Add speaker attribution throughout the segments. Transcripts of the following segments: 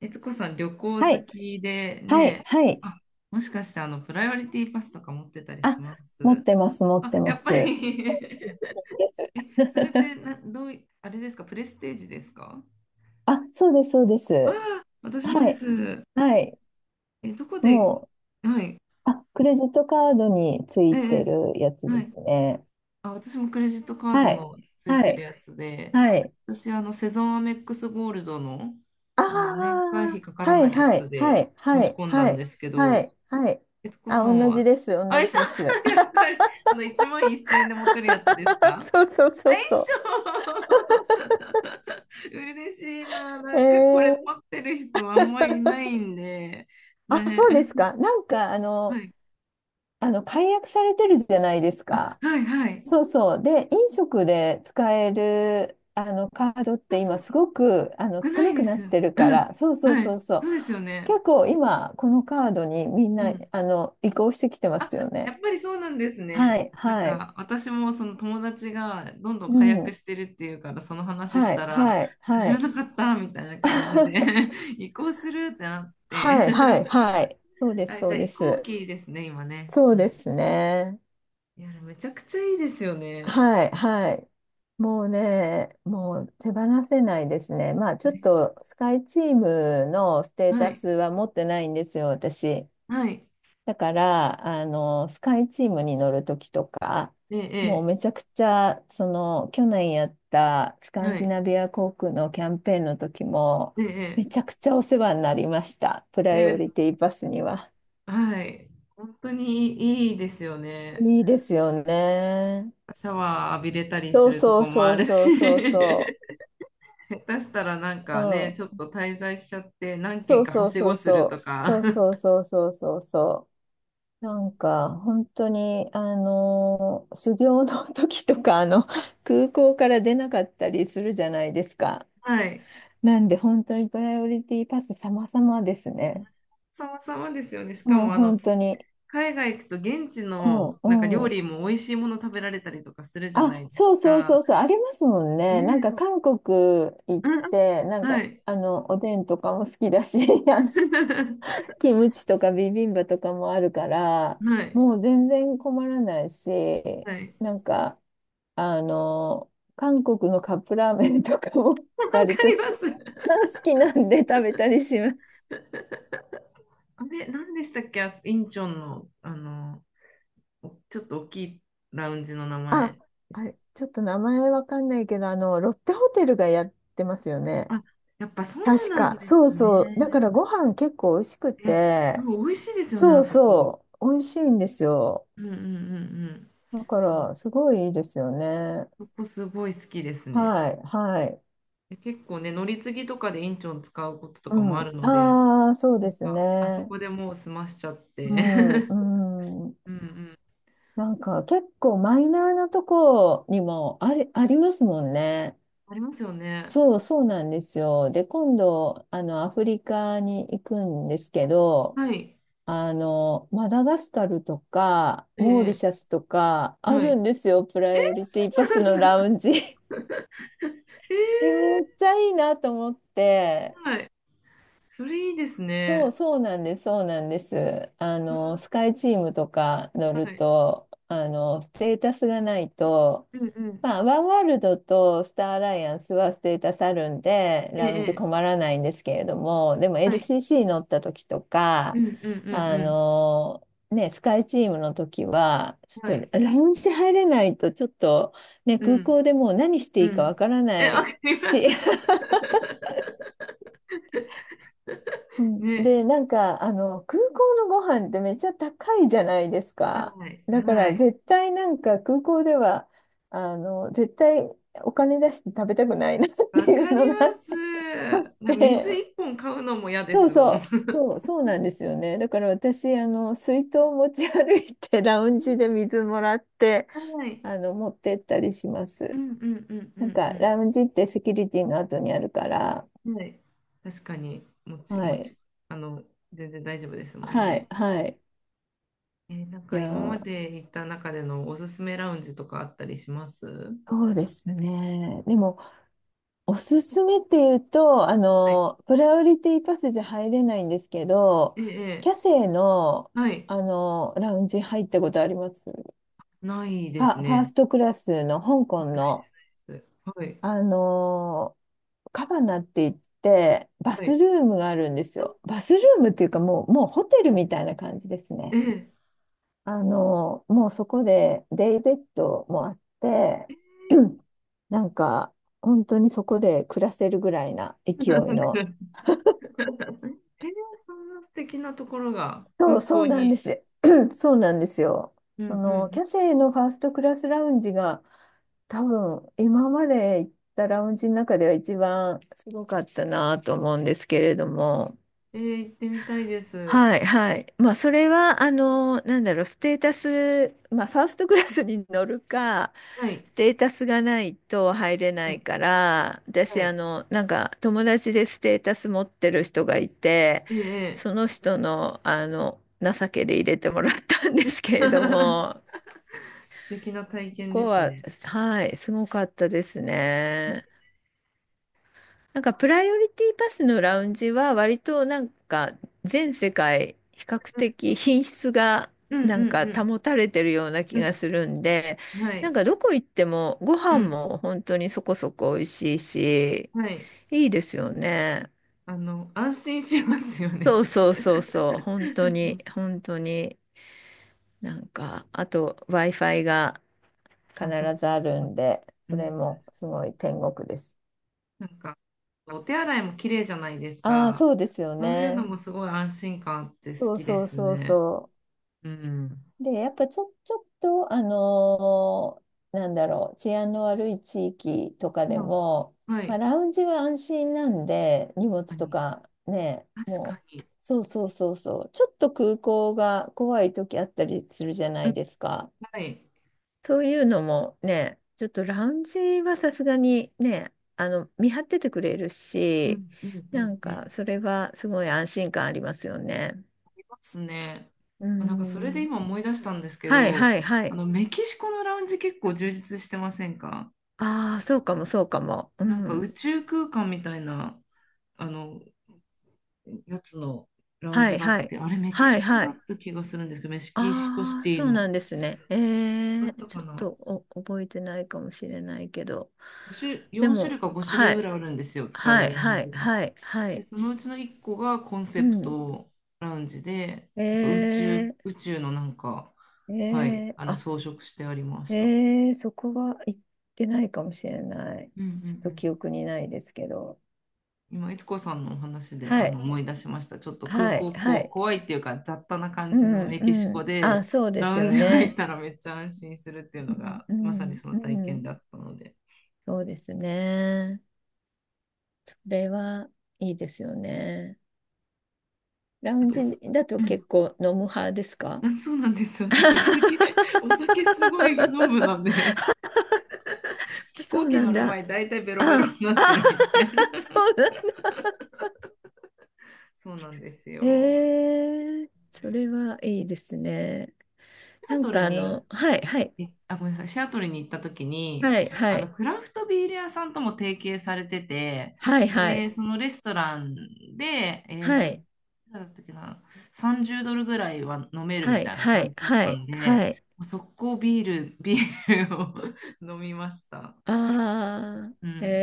Speaker 1: 悦子さん、旅行
Speaker 2: は
Speaker 1: 好
Speaker 2: い、
Speaker 1: きで
Speaker 2: はい、
Speaker 1: ね、
Speaker 2: はい。
Speaker 1: あ、もしかしてプライオリティパスとか持ってたり
Speaker 2: あ、
Speaker 1: しま
Speaker 2: 持っ
Speaker 1: す？
Speaker 2: てます、持っ
Speaker 1: あ、
Speaker 2: て
Speaker 1: や
Speaker 2: ま
Speaker 1: っぱ
Speaker 2: す。
Speaker 1: り
Speaker 2: です。
Speaker 1: え、それって な、どうい、あれですか、プレステージですか？
Speaker 2: あ、そうです、そうです。
Speaker 1: ああ、私も
Speaker 2: は
Speaker 1: で
Speaker 2: い、
Speaker 1: す。
Speaker 2: はい。
Speaker 1: え、どこで、
Speaker 2: もう、
Speaker 1: はい、
Speaker 2: あ、クレジットカードにつ
Speaker 1: え
Speaker 2: いて
Speaker 1: え、
Speaker 2: るやつ
Speaker 1: は
Speaker 2: で
Speaker 1: い。
Speaker 2: すね。
Speaker 1: あ、私もクレジットカー
Speaker 2: は
Speaker 1: ド
Speaker 2: い、
Speaker 1: のつい
Speaker 2: は
Speaker 1: てる
Speaker 2: い、
Speaker 1: やつで、
Speaker 2: はい。
Speaker 1: 私、セゾンアメックスゴールドの、
Speaker 2: あ
Speaker 1: 年会費
Speaker 2: あ、
Speaker 1: かから
Speaker 2: はい、
Speaker 1: ないや
Speaker 2: は
Speaker 1: つ
Speaker 2: い、は
Speaker 1: で
Speaker 2: い、
Speaker 1: 申
Speaker 2: は
Speaker 1: し
Speaker 2: い、
Speaker 1: 込んだ
Speaker 2: は
Speaker 1: ん
Speaker 2: い、
Speaker 1: ですけ
Speaker 2: は
Speaker 1: ど、
Speaker 2: い、はい。
Speaker 1: 悦子
Speaker 2: あ、
Speaker 1: さん
Speaker 2: 同じ
Speaker 1: は？
Speaker 2: です、
Speaker 1: あ、
Speaker 2: 同
Speaker 1: 一緒
Speaker 2: じです。
Speaker 1: やっぱり、1万1千円で持ってるやつです か？
Speaker 2: そうそう
Speaker 1: あ、
Speaker 2: そ
Speaker 1: 一
Speaker 2: うそ
Speaker 1: 緒 嬉しいな。
Speaker 2: う。
Speaker 1: なんか、これ持ってる人あんまいないんで、
Speaker 2: あ、そ
Speaker 1: ね。
Speaker 2: うですか。なんか、あ
Speaker 1: は
Speaker 2: の、
Speaker 1: い、
Speaker 2: あの、解約されてるじゃないですか。
Speaker 1: はい、はい。
Speaker 2: そうそう。で、飲食で使えるあのカードっ
Speaker 1: あ、
Speaker 2: て
Speaker 1: そう、
Speaker 2: 今すごく
Speaker 1: 少
Speaker 2: 少
Speaker 1: な
Speaker 2: な
Speaker 1: い
Speaker 2: く
Speaker 1: で
Speaker 2: な
Speaker 1: す
Speaker 2: っ
Speaker 1: よ。
Speaker 2: てる
Speaker 1: う
Speaker 2: か
Speaker 1: ん、
Speaker 2: ら、そうそう
Speaker 1: は
Speaker 2: そう
Speaker 1: い、
Speaker 2: そう。
Speaker 1: そうですよね。
Speaker 2: 結構今、このカードにみん
Speaker 1: う
Speaker 2: な
Speaker 1: ん。
Speaker 2: 移行してきてま
Speaker 1: あ、
Speaker 2: すよ
Speaker 1: や
Speaker 2: ね。
Speaker 1: っぱりそうなんです
Speaker 2: は
Speaker 1: ね。
Speaker 2: い、
Speaker 1: なん
Speaker 2: はい。
Speaker 1: か私もその友達がどんどん
Speaker 2: う
Speaker 1: 火薬
Speaker 2: ん。
Speaker 1: してるっていうからその話し
Speaker 2: は
Speaker 1: た
Speaker 2: い、
Speaker 1: ら
Speaker 2: はい、
Speaker 1: なんか知
Speaker 2: は
Speaker 1: ら
Speaker 2: い。
Speaker 1: なかったみたいな感じで 移行するってなって
Speaker 2: はい、はい、はい。そう です、
Speaker 1: あ、
Speaker 2: そ
Speaker 1: じゃ
Speaker 2: う
Speaker 1: あ
Speaker 2: で
Speaker 1: 移行
Speaker 2: す。
Speaker 1: 期ですね今ね、
Speaker 2: そう
Speaker 1: う
Speaker 2: ですね。
Speaker 1: ん、いやめちゃくちゃいいですよね。
Speaker 2: はい、はい。もうね、もう手放せないですね。まあちょっとスカイチームのステー
Speaker 1: は
Speaker 2: タ
Speaker 1: い、
Speaker 2: スは持ってないんですよ、私。
Speaker 1: はい、
Speaker 2: だから、あの、スカイチームに乗るときとか、もう
Speaker 1: ええ、
Speaker 2: めちゃくちゃ、その、去年やったス
Speaker 1: え
Speaker 2: カ
Speaker 1: え、
Speaker 2: ン
Speaker 1: は
Speaker 2: ジ
Speaker 1: い、
Speaker 2: ナビア航空のキャンペーンの時も、め
Speaker 1: ええ、
Speaker 2: ちゃくちゃお世話になりました。プ
Speaker 1: え
Speaker 2: ラ
Speaker 1: え、
Speaker 2: イオ
Speaker 1: で、
Speaker 2: リティバスには。
Speaker 1: はい、本当にいいですよね。
Speaker 2: いいですよね。
Speaker 1: シャワー浴びれたりす
Speaker 2: そう
Speaker 1: ると
Speaker 2: そう
Speaker 1: こもあ
Speaker 2: そう
Speaker 1: る
Speaker 2: そ
Speaker 1: し
Speaker 2: うそう そ
Speaker 1: 下手したらなんか
Speaker 2: う。
Speaker 1: ね、ちょっ
Speaker 2: うん。
Speaker 1: と滞在しちゃって何軒
Speaker 2: そう
Speaker 1: かは
Speaker 2: そう
Speaker 1: し
Speaker 2: そ
Speaker 1: ご
Speaker 2: う
Speaker 1: すると
Speaker 2: そう。そ
Speaker 1: か、
Speaker 2: うそう そうそうそうそう。なんか、本当に、修行の 時とか、あの、空港から出なかったりするじゃないですか。
Speaker 1: はい、
Speaker 2: なんで、本当にプライオリティパス様々ですね。
Speaker 1: 様々ですよね。しか
Speaker 2: もう
Speaker 1: も
Speaker 2: 本当に。
Speaker 1: 海外行くと現地
Speaker 2: う
Speaker 1: の
Speaker 2: ん、
Speaker 1: なんか料
Speaker 2: う
Speaker 1: 理
Speaker 2: ん。
Speaker 1: も美味しいもの食べられたりとかするじゃ
Speaker 2: あ、
Speaker 1: ないです
Speaker 2: そうそうそ
Speaker 1: か。
Speaker 2: うそう、ありますもんね。なん
Speaker 1: ね、
Speaker 2: か、韓国行っ
Speaker 1: うんうん、
Speaker 2: て、なん
Speaker 1: は
Speaker 2: か、
Speaker 1: い、
Speaker 2: あの、おでんとかも好きだし、あの キムチとかビビンバとかもあるから、
Speaker 1: はい、
Speaker 2: もう全然困らないし、
Speaker 1: はい。
Speaker 2: なんか、あの、韓国のカップラーメンとかも
Speaker 1: わ
Speaker 2: 割
Speaker 1: か
Speaker 2: と
Speaker 1: り
Speaker 2: 好き、
Speaker 1: ます。
Speaker 2: 好きなんで食べたりします。
Speaker 1: あれ、何でしたっけ、あ、インチョンの、ちょっと大きいラウンジの名前
Speaker 2: あ、
Speaker 1: で
Speaker 2: あ
Speaker 1: す。
Speaker 2: れ、ちょっと名前わかんないけど、あの、ロッテホテルがやってますよね。
Speaker 1: あ、やっぱそう
Speaker 2: 確
Speaker 1: なん
Speaker 2: か。
Speaker 1: で
Speaker 2: そう
Speaker 1: す
Speaker 2: そう。だか
Speaker 1: ね。
Speaker 2: らご飯結構美味しく
Speaker 1: いや、そ
Speaker 2: て、
Speaker 1: う、美味しいですよね、
Speaker 2: そ
Speaker 1: あ
Speaker 2: う
Speaker 1: そこ。
Speaker 2: そう。美味しいんですよ。
Speaker 1: うんうんうんうん。
Speaker 2: だから、すごいいいですよね。
Speaker 1: そこすごい好きですね。
Speaker 2: はい、はい。
Speaker 1: で結構ね、乗り継ぎとかでインチョン使うことと
Speaker 2: う
Speaker 1: かも
Speaker 2: ん。
Speaker 1: あるので、
Speaker 2: ああ、そう
Speaker 1: な
Speaker 2: で
Speaker 1: ん
Speaker 2: す
Speaker 1: かあそ
Speaker 2: ね。
Speaker 1: こでもう済ましちゃっ
Speaker 2: う
Speaker 1: て。
Speaker 2: ん、うん。
Speaker 1: うんうん。
Speaker 2: なんか結構マイナーなとこにもあり、ありますもんね。
Speaker 1: ありますよね。
Speaker 2: そう、そうなんですよ。で、今度、あの、アフリカに行くんですけど、
Speaker 1: はい。
Speaker 2: あの、マダガスカルとか、モーリ
Speaker 1: ええ、
Speaker 2: シャスとか、あ
Speaker 1: は
Speaker 2: る
Speaker 1: い。
Speaker 2: んですよ、プラ
Speaker 1: え
Speaker 2: イオリティパスのラウ ンジ。え、
Speaker 1: ええ、
Speaker 2: めっちゃいいなと思って、
Speaker 1: はい。それいいです
Speaker 2: そう、
Speaker 1: ね。
Speaker 2: そうなんです、そうなんです。あ
Speaker 1: うわ、
Speaker 2: の、スカイチームとか乗
Speaker 1: は
Speaker 2: る
Speaker 1: い。
Speaker 2: と、あの、ステータスがないと、
Speaker 1: うんうん。
Speaker 2: まあ、ワンワールドとスターアライアンスはステータスあるんで、ラウンジ
Speaker 1: え
Speaker 2: 困
Speaker 1: え、
Speaker 2: らないんですけれども、でも
Speaker 1: はい。
Speaker 2: LCC 乗った時と
Speaker 1: う
Speaker 2: か、
Speaker 1: んうんう
Speaker 2: あ
Speaker 1: ん
Speaker 2: の、ね、スカイチームの時は、ち
Speaker 1: うん。は
Speaker 2: ょっ
Speaker 1: い。
Speaker 2: とラウンジ入れないと、ちょっと、ね、
Speaker 1: う
Speaker 2: 空
Speaker 1: ん
Speaker 2: 港でもう何して
Speaker 1: う
Speaker 2: いいかわ
Speaker 1: ん。
Speaker 2: から
Speaker 1: え、
Speaker 2: な
Speaker 1: わ
Speaker 2: い
Speaker 1: かります。
Speaker 2: し、うん、で、
Speaker 1: ね。
Speaker 2: なんか、あの、空港のご飯ってめっちゃ高いじゃないですか。
Speaker 1: はい。
Speaker 2: だか
Speaker 1: は
Speaker 2: ら、
Speaker 1: い。
Speaker 2: 絶対なんか空港では、あの、絶対お金出して食べたくないなって
Speaker 1: わ
Speaker 2: い
Speaker 1: か
Speaker 2: う
Speaker 1: り
Speaker 2: のがあっ
Speaker 1: ます。水
Speaker 2: て、
Speaker 1: 一本買うのも嫌で
Speaker 2: そ
Speaker 1: す
Speaker 2: う
Speaker 1: も
Speaker 2: そ
Speaker 1: ん。
Speaker 2: う、そう、そうなんですよね。だから私、あの、水筒を持ち歩いて、ラウンジで 水もらって、
Speaker 1: はい。
Speaker 2: あの、持ってったりしま
Speaker 1: う
Speaker 2: す。
Speaker 1: んうんうん
Speaker 2: なん
Speaker 1: う
Speaker 2: か、
Speaker 1: んう
Speaker 2: ラウンジってセキュリティの後にあるから、
Speaker 1: ん。はい。確かに、もち、
Speaker 2: は
Speaker 1: も
Speaker 2: い、
Speaker 1: ち、あの、全然大丈夫ですもん
Speaker 2: はい、
Speaker 1: ね。
Speaker 2: はい。
Speaker 1: えー、なん
Speaker 2: い
Speaker 1: か
Speaker 2: や
Speaker 1: 今ま
Speaker 2: ー
Speaker 1: で行った中でのおすすめラウンジとかあったりします？は
Speaker 2: そうですね。でも、おすすめっていうと、あの、
Speaker 1: い。
Speaker 2: プライオリティパスじゃ入れないんですけど、
Speaker 1: ええ、え
Speaker 2: キャ
Speaker 1: え、
Speaker 2: セイの、
Speaker 1: はい。
Speaker 2: あの、ラウンジ入ったことあります
Speaker 1: ないです
Speaker 2: あ、ファース
Speaker 1: ね。
Speaker 2: トクラスの香港
Speaker 1: ない
Speaker 2: の、
Speaker 1: です。はい。
Speaker 2: あの、カバナって言って、バ
Speaker 1: は
Speaker 2: ス
Speaker 1: い。
Speaker 2: ルームがあるんですよ。バスルームっていうか、もう、もうホテルみたいな感じです
Speaker 1: え
Speaker 2: ね。
Speaker 1: え。
Speaker 2: あの、もうそこでデイベッドもあって、なんか、本当にそこで暮らせるぐらいな 勢
Speaker 1: なんか、
Speaker 2: いの。
Speaker 1: へえ、そんな素敵なところが
Speaker 2: そ
Speaker 1: 空
Speaker 2: う、そ
Speaker 1: 港
Speaker 2: うなんで
Speaker 1: に。
Speaker 2: す。そうなんですよ。
Speaker 1: うん
Speaker 2: そ
Speaker 1: う
Speaker 2: の、
Speaker 1: ん、
Speaker 2: キャセイのファーストクラスラウンジが、多分、今まで行ったラウンジの中では一番すごかったなと思うんですけれども。
Speaker 1: えー、行ってみたいです。
Speaker 2: はい、はい。まあ、それは、あの、なんだろう、ステータス、まあ、ファーストクラスに乗るか、
Speaker 1: はい。
Speaker 2: データスがないと入れな
Speaker 1: は
Speaker 2: い
Speaker 1: い。
Speaker 2: から、私、
Speaker 1: はい。
Speaker 2: あの、なんか友達でステータス持ってる人がいて、
Speaker 1: ええ、ええ
Speaker 2: その人の、あの、情けで入れてもらったんですけれども、
Speaker 1: 素敵な体
Speaker 2: こ
Speaker 1: 験で
Speaker 2: こ
Speaker 1: す
Speaker 2: は、
Speaker 1: ね。
Speaker 2: はい、すごかったですね。なんかプライオリティパスのラウンジは割となんか全世界比較的品質が
Speaker 1: うんう
Speaker 2: なんか
Speaker 1: ん
Speaker 2: 保たれてるような気
Speaker 1: うん。う
Speaker 2: がするんで、
Speaker 1: ん。は
Speaker 2: なん
Speaker 1: い。
Speaker 2: かどこ行ってもご
Speaker 1: う
Speaker 2: 飯
Speaker 1: ん。
Speaker 2: も本当にそこそこ美味しいし、
Speaker 1: はい。
Speaker 2: いいですよね。
Speaker 1: 安心しますよね。
Speaker 2: そうそうそうそう、本当
Speaker 1: うん、
Speaker 2: に、本当に、なんか、あと Wi-Fi が必
Speaker 1: あ、そう、
Speaker 2: ずあ
Speaker 1: そ
Speaker 2: る
Speaker 1: う。
Speaker 2: んで、
Speaker 1: う
Speaker 2: それ
Speaker 1: ん、確
Speaker 2: も
Speaker 1: か
Speaker 2: すご
Speaker 1: に。
Speaker 2: い天国です。
Speaker 1: なんか、お手洗いも綺麗じゃないです
Speaker 2: ああ、
Speaker 1: か。
Speaker 2: そうですよ
Speaker 1: そういうの
Speaker 2: ね。
Speaker 1: もすごい安心感あって好
Speaker 2: そう
Speaker 1: きで
Speaker 2: そう
Speaker 1: す
Speaker 2: そう
Speaker 1: ね。
Speaker 2: そう。
Speaker 1: うん。
Speaker 2: で、やっぱちょ、ちょっと、なんだろう、治安の悪い地域とかで
Speaker 1: ま
Speaker 2: も、
Speaker 1: あ、は
Speaker 2: まあ、
Speaker 1: い。
Speaker 2: ラウンジは安心なんで、荷物
Speaker 1: 確か
Speaker 2: と
Speaker 1: に。
Speaker 2: かね、
Speaker 1: 確か
Speaker 2: も
Speaker 1: に。
Speaker 2: う、そうそうそうそう、ちょっと空港が怖い時あったりするじゃな
Speaker 1: う
Speaker 2: い
Speaker 1: ん、
Speaker 2: ですか。
Speaker 1: はい。
Speaker 2: そういうのもね、ちょっとラウンジはさすがにね、あの、見張っててくれる
Speaker 1: う
Speaker 2: し、
Speaker 1: んうんう
Speaker 2: な
Speaker 1: ん
Speaker 2: ん
Speaker 1: うん。
Speaker 2: か、それはすごい安心感ありますよね。
Speaker 1: ますね。
Speaker 2: う
Speaker 1: あ、なんかそれで
Speaker 2: ん。
Speaker 1: 今思い出したんですけ
Speaker 2: はい
Speaker 1: ど、
Speaker 2: はいはい。
Speaker 1: メキシコのラウンジ結構充実してませんか？
Speaker 2: ああ、そうかも、そうかも。う
Speaker 1: なんか
Speaker 2: ん。
Speaker 1: 宇宙空間みたいなあのやつのラウン
Speaker 2: は
Speaker 1: ジ
Speaker 2: い、
Speaker 1: があ
Speaker 2: は
Speaker 1: っ
Speaker 2: い。
Speaker 1: て、あれメキシ
Speaker 2: はい、
Speaker 1: コ
Speaker 2: は
Speaker 1: だっ
Speaker 2: い。
Speaker 1: た気がするんですけど、メキシコシ
Speaker 2: あ
Speaker 1: テ
Speaker 2: あ、
Speaker 1: ィ
Speaker 2: そうな
Speaker 1: の。
Speaker 2: んですね。え
Speaker 1: あ
Speaker 2: え、
Speaker 1: った
Speaker 2: ち
Speaker 1: か
Speaker 2: ょっと
Speaker 1: な？
Speaker 2: お覚えてないかもしれないけど。で
Speaker 1: 4 種類
Speaker 2: も、
Speaker 1: か5種類
Speaker 2: は
Speaker 1: ぐ
Speaker 2: い、
Speaker 1: らいあるんですよ、使え
Speaker 2: はい、
Speaker 1: るラウン
Speaker 2: は
Speaker 1: ジ
Speaker 2: い、
Speaker 1: が。
Speaker 2: はい、は
Speaker 1: で、
Speaker 2: い。
Speaker 1: そのうちの1個がコン
Speaker 2: う
Speaker 1: セプ
Speaker 2: ん。
Speaker 1: トラウンジで、
Speaker 2: え
Speaker 1: なんか宇宙、
Speaker 2: え、
Speaker 1: 宇宙のなんか、
Speaker 2: え
Speaker 1: はい、
Speaker 2: え、あ、
Speaker 1: 装飾してありました。
Speaker 2: ええ、そこは行ってないかもしれない。
Speaker 1: うんうん
Speaker 2: ちょっ
Speaker 1: う
Speaker 2: と
Speaker 1: ん、
Speaker 2: 記憶にないですけど。
Speaker 1: 今、いつこさんのお話で
Speaker 2: はい、
Speaker 1: 思い出しました。ちょっと空
Speaker 2: はい、
Speaker 1: 港
Speaker 2: はい。
Speaker 1: 怖いっていうか、雑多な感
Speaker 2: う
Speaker 1: じの
Speaker 2: ん、
Speaker 1: メキシ
Speaker 2: う
Speaker 1: コ
Speaker 2: ん。あ、
Speaker 1: で、
Speaker 2: そうで
Speaker 1: ラ
Speaker 2: す
Speaker 1: ウン
Speaker 2: よ
Speaker 1: ジ入っ
Speaker 2: ね。
Speaker 1: たらめっちゃ安心するっていうの
Speaker 2: うん、
Speaker 1: が、
Speaker 2: う
Speaker 1: まさに
Speaker 2: ん、
Speaker 1: その体
Speaker 2: う
Speaker 1: 験
Speaker 2: ん。
Speaker 1: だったので。
Speaker 2: そうですね。それはいいですよね。ラウ
Speaker 1: あ
Speaker 2: ン
Speaker 1: と
Speaker 2: ジ
Speaker 1: おさ、
Speaker 2: だと
Speaker 1: うん、
Speaker 2: 結構飲む派ですか？
Speaker 1: あ、そうなんです。私、お酒 お酒すごい飲むの で、飛
Speaker 2: そ
Speaker 1: 行
Speaker 2: う
Speaker 1: 機
Speaker 2: な
Speaker 1: 乗
Speaker 2: ん
Speaker 1: る
Speaker 2: だ。
Speaker 1: 前、大体ベロベロ
Speaker 2: あ、
Speaker 1: にな
Speaker 2: あ、
Speaker 1: って るみたいな。
Speaker 2: そうなんだ。
Speaker 1: そうなんです
Speaker 2: え
Speaker 1: よ。
Speaker 2: ー、
Speaker 1: シ
Speaker 2: それはいいですね。
Speaker 1: ア
Speaker 2: なん
Speaker 1: トル
Speaker 2: かあ
Speaker 1: に
Speaker 2: の、はい、はい、
Speaker 1: えあ、ごめんなさい。シアトルに行った時に、
Speaker 2: はい、はい、
Speaker 1: クラフトビール屋さんとも提携されてて、
Speaker 2: はい、
Speaker 1: で、そのレストランで、
Speaker 2: はい、は
Speaker 1: い
Speaker 2: い、
Speaker 1: くらだったっけな、30ドルぐらいは飲める
Speaker 2: は
Speaker 1: み
Speaker 2: い、
Speaker 1: たいな
Speaker 2: はい、
Speaker 1: 感じだっ
Speaker 2: は
Speaker 1: た
Speaker 2: い、
Speaker 1: ん
Speaker 2: は
Speaker 1: で、
Speaker 2: い。
Speaker 1: もう速攻ビールを 飲みました。
Speaker 2: ああ、
Speaker 1: うん。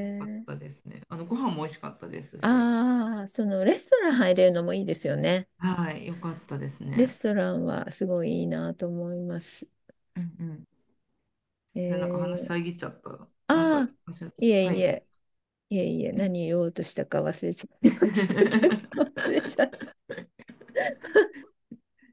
Speaker 1: よかっ
Speaker 2: ー、
Speaker 1: たですね。ご飯も美味しかったですし。
Speaker 2: ああ、そのレストラン入れるのもいいですよね。
Speaker 1: はい、よかったです
Speaker 2: レ
Speaker 1: ね。
Speaker 2: ストランはすごいいいなと思います。
Speaker 1: うんうん。
Speaker 2: え
Speaker 1: で、なんか話
Speaker 2: ー、
Speaker 1: 遮っちゃった。なんか、
Speaker 2: あ
Speaker 1: れ
Speaker 2: あ、いえ
Speaker 1: は
Speaker 2: い
Speaker 1: い。
Speaker 2: え、いえいえ、何言おうとしたか忘れちゃいましたけど、忘れちゃった。
Speaker 1: そ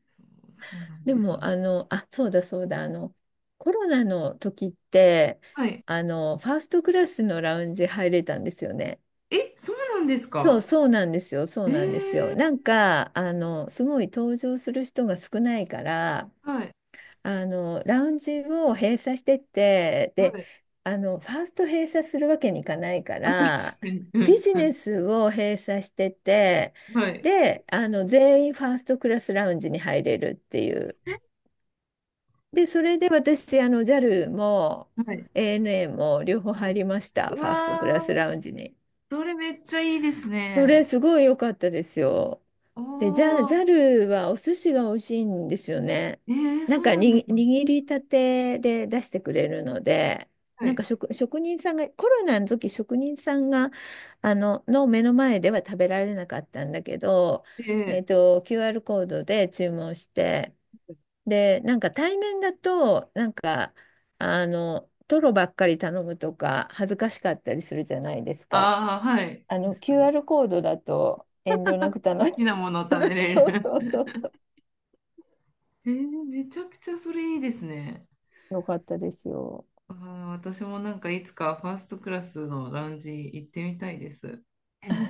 Speaker 1: う、そうなん
Speaker 2: で
Speaker 1: ですよ。
Speaker 2: も、あの、あ、そうだそうだ、あの、コロナの時って、
Speaker 1: はい。
Speaker 2: あの、ファーストクラスのラウンジ入れたんですよね。
Speaker 1: え、そうなんです
Speaker 2: そう、
Speaker 1: か？
Speaker 2: そうなんですよ、そう
Speaker 1: えー、
Speaker 2: なんですよ。なんか、あの、すごい登場する人が少ないから、
Speaker 1: はい。
Speaker 2: あの、ラウンジを閉鎖してって、
Speaker 1: は
Speaker 2: で、
Speaker 1: い。
Speaker 2: あの、ファースト閉鎖するわけにいかないか
Speaker 1: あ、確
Speaker 2: ら、
Speaker 1: かに。う
Speaker 2: ビ
Speaker 1: ん
Speaker 2: ジ
Speaker 1: う
Speaker 2: ネ
Speaker 1: ん。
Speaker 2: スを閉鎖してって、
Speaker 1: はい。
Speaker 2: で、あの、全員ファーストクラスラウンジに入れるっていう。で、それで私、あの、JAL も
Speaker 1: はい。
Speaker 2: ANA も両方
Speaker 1: は
Speaker 2: 入
Speaker 1: い。
Speaker 2: りました、
Speaker 1: う
Speaker 2: フ
Speaker 1: わ
Speaker 2: ァーストクラス
Speaker 1: ー、
Speaker 2: ラウンジに。
Speaker 1: それめっちゃいいです
Speaker 2: そ
Speaker 1: ね。
Speaker 2: れ、すごい良かったですよ。
Speaker 1: お
Speaker 2: で、ジャ、ザ
Speaker 1: ー。
Speaker 2: ルはお寿司が美味しいんですよね。
Speaker 1: えー、
Speaker 2: なん
Speaker 1: そ
Speaker 2: か
Speaker 1: うなんで
Speaker 2: に、
Speaker 1: すね。
Speaker 2: 握りたてで出してくれるので、
Speaker 1: は
Speaker 2: なんか
Speaker 1: い。
Speaker 2: 職、職人さんが、コロナの時職人さんが、あの、の目の前では食べられなかったんだけど、え
Speaker 1: で、
Speaker 2: っと、QR コードで注文して、で、なんか対面だと、なんか、あの、トロばっかり頼むとか、恥ずかしかったりするじゃないですか。
Speaker 1: ああ、はい。
Speaker 2: あの、
Speaker 1: 確かに。
Speaker 2: QR コードだと遠慮な
Speaker 1: 好
Speaker 2: く頼む。
Speaker 1: きなものを食べ れ
Speaker 2: そうそう
Speaker 1: る。
Speaker 2: そう。
Speaker 1: えー、めちゃくちゃそれいいですね。
Speaker 2: よかったですよ。
Speaker 1: あー、私もなんかいつかファーストクラスのラウンジ行ってみたいです。うん